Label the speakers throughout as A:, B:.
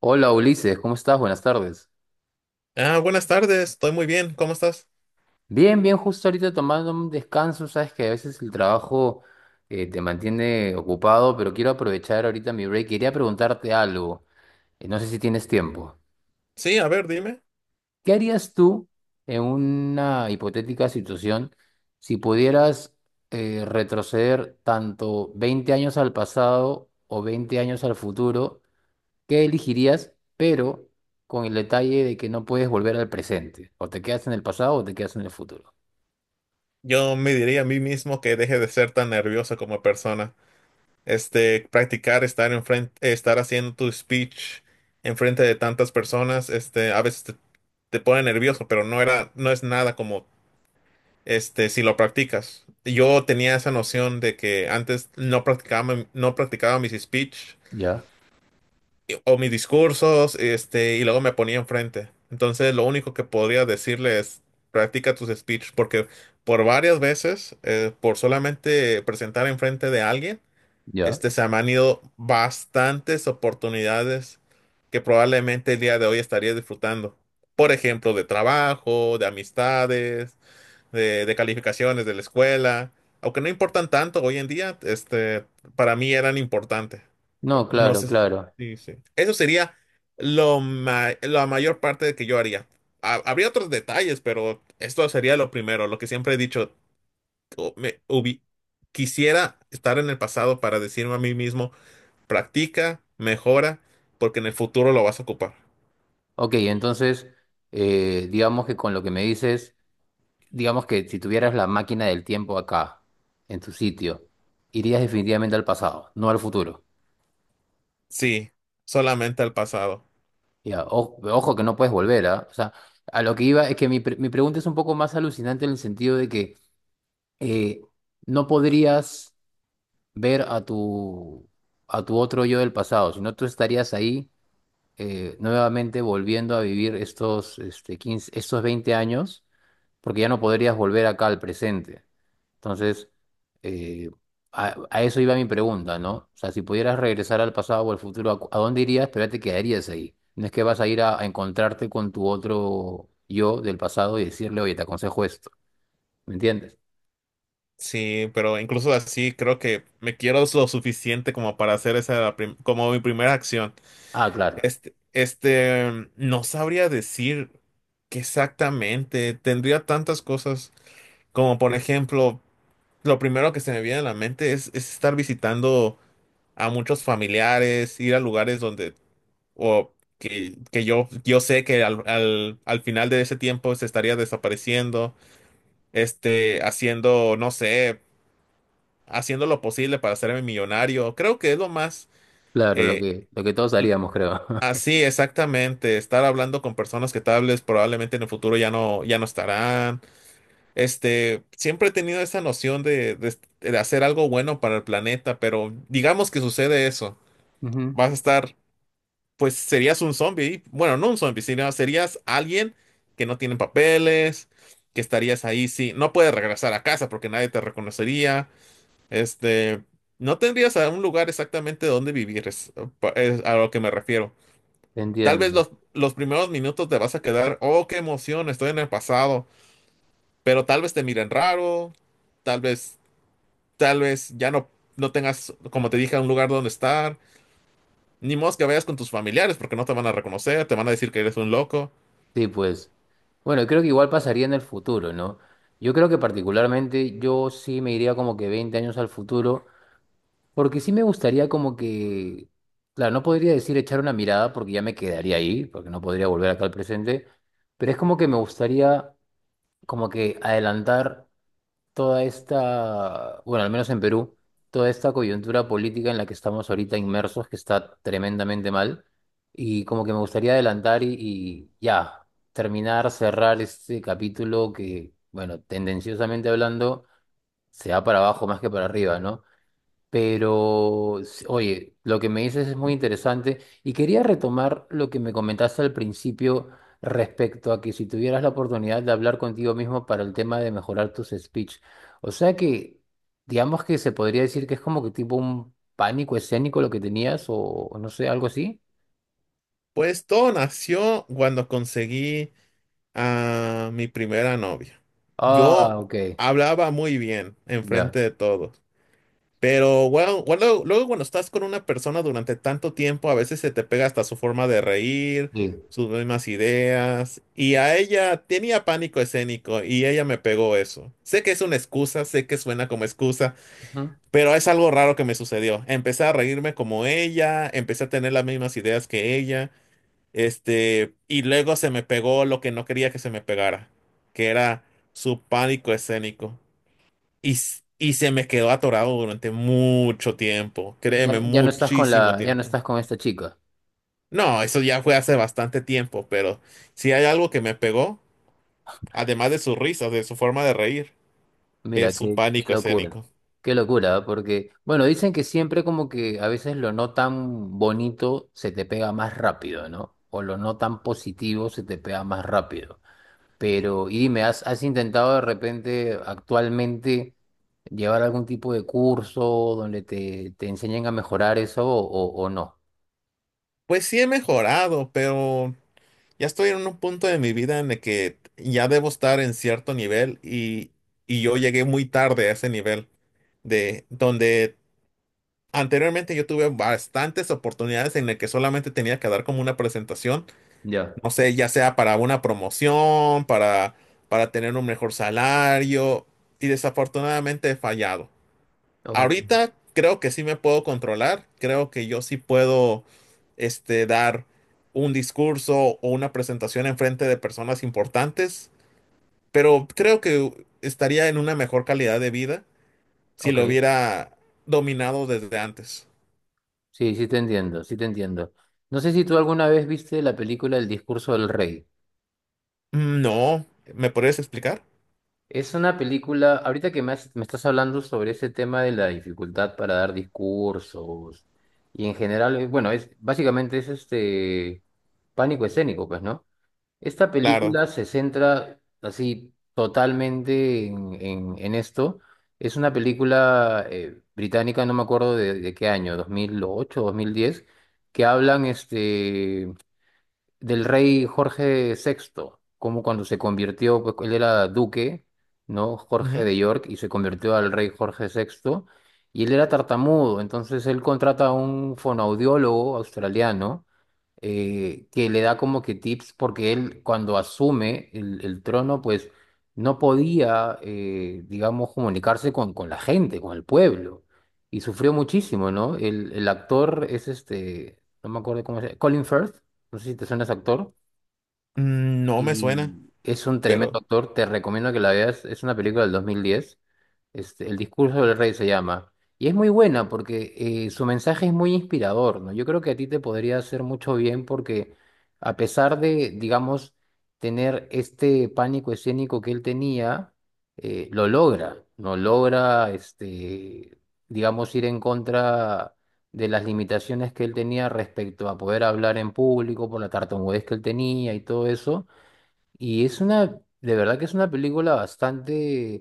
A: Hola Ulises, ¿cómo estás? Buenas tardes.
B: Ah, buenas tardes, estoy muy bien, ¿cómo estás?
A: Bien, bien, justo ahorita tomando un descanso, sabes que a veces el trabajo te mantiene ocupado, pero quiero aprovechar ahorita mi break. Quería preguntarte algo, no sé si tienes tiempo.
B: Sí, a ver, dime.
A: ¿Qué harías tú en una hipotética situación si pudieras retroceder tanto 20 años al pasado o 20 años al futuro? ¿Qué elegirías? Pero con el detalle de que no puedes volver al presente. O te quedas en el pasado o te quedas en el futuro.
B: Yo me diría a mí mismo que deje de ser tan nervioso como persona. Practicar estar en frente, estar haciendo tu speech en frente de tantas personas, a veces te pone nervioso, pero no es nada como, si lo practicas. Yo tenía esa noción de que antes no practicaba mis speech
A: Ya,
B: o mis discursos, y luego me ponía enfrente. Entonces, lo único que podría decirle es, practica tus speech, porque por solamente presentar enfrente de alguien,
A: ya.
B: se me han ido bastantes oportunidades que probablemente el día de hoy estaría disfrutando. Por ejemplo, de trabajo, de amistades, de calificaciones de la escuela, aunque no importan tanto hoy en día, para mí eran importantes.
A: No,
B: No
A: claro,
B: sé,
A: claro.
B: sí, sí. Eso sería la mayor parte de que yo haría. Habría otros detalles, pero esto sería lo primero, lo que siempre he dicho. o- me hubi- quisiera estar en el pasado para decirme a mí mismo, practica, mejora, porque en el futuro lo vas a ocupar.
A: Ok, entonces, digamos que con lo que me dices, digamos que si tuvieras la máquina del tiempo acá, en tu sitio, irías definitivamente al pasado, no al futuro.
B: Sí, solamente el pasado.
A: Ya, ojo que no puedes volver, ¿ah? O sea, a lo que iba es que mi pregunta es un poco más alucinante en el sentido de que eh, no podrías ver a tu otro yo del pasado, si no tú estarías ahí nuevamente volviendo a vivir estos 20 años, porque ya no podrías volver acá al presente. Entonces, eh, a eso iba mi pregunta, ¿no? O sea, si pudieras regresar al pasado o al futuro, ¿a, a dónde irías? Pero ya te quedarías ahí. No es que vas a ir a encontrarte con tu otro yo del pasado y decirle, oye, te aconsejo esto. ¿Me entiendes?
B: Sí, pero incluso así creo que me quiero lo suficiente como para hacer esa como mi primera acción.
A: Ah, claro.
B: No sabría decir qué exactamente. Tendría tantas cosas como por ejemplo, lo primero que se me viene a la mente es estar visitando a muchos familiares, ir a lugares que yo sé que al final de ese tiempo se estaría desapareciendo, haciendo, no sé, haciendo lo posible para hacerme millonario. Creo que es lo más,
A: Claro,
B: eh,
A: lo que todos haríamos, creo.
B: así exactamente, estar hablando con personas que tal vez probablemente en el futuro ya no estarán. Siempre he tenido esa noción de hacer algo bueno para el planeta, pero digamos que sucede eso.
A: Ujú.
B: Vas a estar, pues serías un zombie. Bueno, no un zombie, sino serías alguien que no tiene papeles, que estarías ahí, sí. No puedes regresar a casa porque nadie te reconocería. Este, no tendrías a un lugar exactamente donde vivir, es a lo que me refiero. Tal vez
A: Entiendo.
B: los primeros minutos te vas a quedar, oh, qué emoción, estoy en el pasado, pero tal vez te miren raro, tal vez, tal vez no tengas, como te dije, un lugar donde estar, ni modo que vayas con tus familiares porque no te van a reconocer, te van a decir que eres un loco.
A: Sí, pues. Bueno, creo que igual pasaría en el futuro, ¿no? Yo creo que particularmente yo sí me iría como que 20 años al futuro, porque sí me gustaría como que, claro, no podría decir echar una mirada porque ya me quedaría ahí, porque no podría volver acá al presente, pero es como que me gustaría como que adelantar toda esta, bueno, al menos en Perú, toda esta coyuntura política en la que estamos ahorita inmersos, que está tremendamente mal, y como que me gustaría adelantar y ya, terminar, cerrar este capítulo que, bueno, tendenciosamente hablando, se va para abajo más que para arriba, ¿no? Pero, oye, lo que me dices es muy interesante y quería retomar lo que me comentaste al principio respecto a que si tuvieras la oportunidad de hablar contigo mismo para el tema de mejorar tus speech. O sea que, digamos que se podría decir que es como que tipo un pánico escénico lo que tenías o no sé, algo así.
B: Pues todo nació cuando conseguí a mi primera novia.
A: Ah,
B: Yo
A: ok,
B: hablaba muy bien
A: ya,
B: enfrente de todos. Pero bueno, bueno, luego cuando estás con una persona durante tanto tiempo, a veces se te pega hasta su forma de reír,
A: sí.
B: sus mismas ideas. Y a ella tenía pánico escénico y ella me pegó eso. Sé que es una excusa, sé que suena como excusa,
A: Ujú.
B: pero es algo raro que me sucedió. Empecé a reírme como ella, empecé a tener las mismas ideas que ella, y luego se me pegó lo que no quería que se me pegara, que era su pánico escénico. Y se me quedó atorado durante mucho tiempo, créeme,
A: Ya, ya no estás con
B: muchísimo
A: la, ya no
B: tiempo.
A: estás con esta chica.
B: No, eso ya fue hace bastante tiempo, pero si hay algo que me pegó, además de sus risas, de su forma de reír,
A: Mira,
B: es su
A: qué,
B: pánico escénico.
A: qué locura, ¿eh? Porque, bueno, dicen que siempre como que a veces lo no tan bonito se te pega más rápido, ¿no? O lo no tan positivo se te pega más rápido. Pero, y dime, ¿has, has intentado de repente actualmente llevar algún tipo de curso donde te enseñen a mejorar eso o, o no?
B: Pues sí he mejorado, pero ya estoy en un punto de mi vida en el que ya debo estar en cierto nivel y yo llegué muy tarde a ese nivel, de donde anteriormente yo tuve bastantes oportunidades en las que solamente tenía que dar como una presentación,
A: Ya.
B: no sé, ya sea para una promoción, para tener un mejor salario, y desafortunadamente he fallado.
A: O-
B: Ahorita creo que sí me puedo controlar, creo que yo sí puedo, dar un discurso o una presentación en frente de personas importantes, pero creo que estaría en una mejor calidad de vida si
A: ok,
B: lo hubiera dominado desde antes.
A: sí, sí te entiendo, sí te entiendo. No sé si tú alguna vez viste la película El discurso del rey.
B: Mm, no, ¿me podrías explicar?
A: Es una película, ahorita que me, me estás hablando sobre ese tema de la dificultad para dar discursos y en general, bueno, es básicamente es este pánico escénico, pues, ¿no? Esta
B: Claro.
A: película se centra así totalmente en esto. Es una película británica, no me acuerdo de qué año, 2008, 2010 que hablan este del rey Jorge VI, como cuando se convirtió, pues él era duque, ¿no? Jorge
B: Ujú.
A: de York, y se convirtió al rey Jorge VI y él era tartamudo, entonces él contrata a un fonoaudiólogo australiano que le da como que tips, porque él cuando asume el trono, pues no podía, digamos, comunicarse con la gente, con el pueblo, y sufrió muchísimo, ¿no? El actor es este, no me acuerdo cómo se llama, Colin Firth, no sé si te suena ese actor,
B: Mm, no me suena,
A: y es un tremendo
B: pero.
A: actor, te recomiendo que la veas, es una película del 2010 este, el discurso del rey se llama. Y es muy buena porque su mensaje es muy inspirador, ¿no? Yo creo que a ti te podría hacer mucho bien porque a pesar de, digamos, tener este pánico escénico que él tenía, lo logra, ¿no? Logra, este, digamos, ir en contra de las limitaciones que él tenía respecto a poder hablar en público por la tartamudez que él tenía y todo eso y es una, de verdad que es una película bastante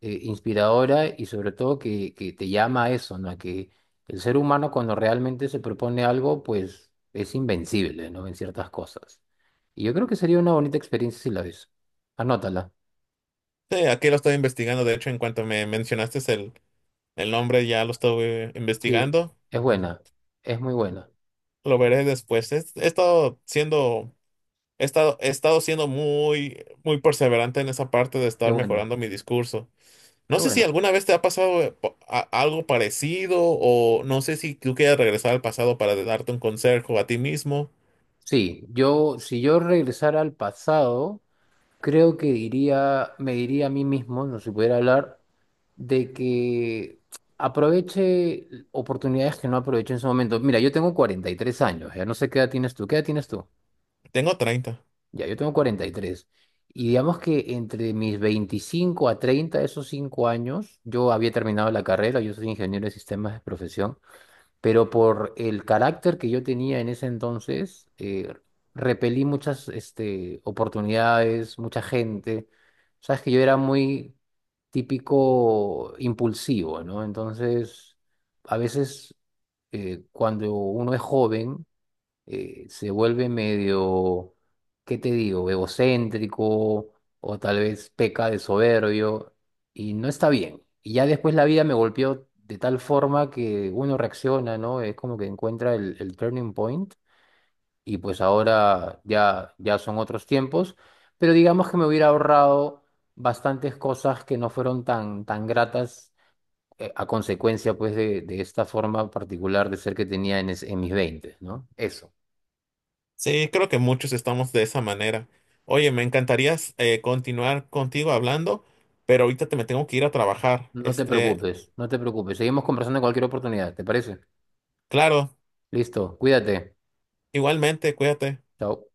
A: inspiradora y sobre todo que te llama a eso, ¿no? A que el ser humano cuando realmente se propone algo, pues es invencible, ¿no? En ciertas cosas. Y yo creo que sería una bonita experiencia si la ves. Anótala.
B: Sí, aquí lo estoy investigando. De hecho, en cuanto me mencionaste el nombre, ya lo estoy
A: Sí,
B: investigando.
A: es buena, es muy buena.
B: Lo veré después. He estado siendo muy, muy perseverante en esa parte de
A: Qué
B: estar
A: bueno,
B: mejorando mi discurso.
A: qué
B: No sé si
A: bueno.
B: alguna vez te ha pasado, algo parecido, o no sé si tú quieres regresar al pasado para darte un consejo a ti mismo.
A: Sí, yo, si yo regresara al pasado... creo que diría, me diría a mí mismo, no se pudiera hablar, de que aproveche oportunidades que no aproveché en su momento. Mira, yo tengo 43 años, ya no sé qué edad tienes tú, ¿qué edad tienes tú?
B: Tengo 30.
A: Ya, yo tengo cuarenta y tres y digamos que entre mis 25 a 30, esos 5 años, yo había terminado la carrera, yo soy ingeniero de sistemas de profesión pero por el carácter que yo tenía en ese entonces, repelí muchas este, oportunidades, mucha gente. Sabes que yo era muy típico impulsivo, ¿no? Entonces, a veces cuando uno es joven, se vuelve medio, ¿qué te digo?, egocéntrico o tal vez peca de soberbio y no está bien. Y ya después la vida me golpeó de tal forma que uno reacciona, ¿no? Es como que encuentra el turning point y pues ahora ya, ya son otros tiempos, pero digamos que me hubiera ahorrado bastantes cosas que no fueron tan, tan gratas. A consecuencia, pues, de esta forma particular de ser que tenía en, en mis 20, ¿no? Eso.
B: Sí, creo que muchos estamos de esa manera. Oye, me encantaría, continuar contigo hablando, pero ahorita te me tengo que ir a trabajar.
A: No te preocupes, no te preocupes. Seguimos conversando en cualquier oportunidad, ¿te parece?
B: Claro,
A: Listo, cuídate.
B: igualmente, cuídate.
A: Chao.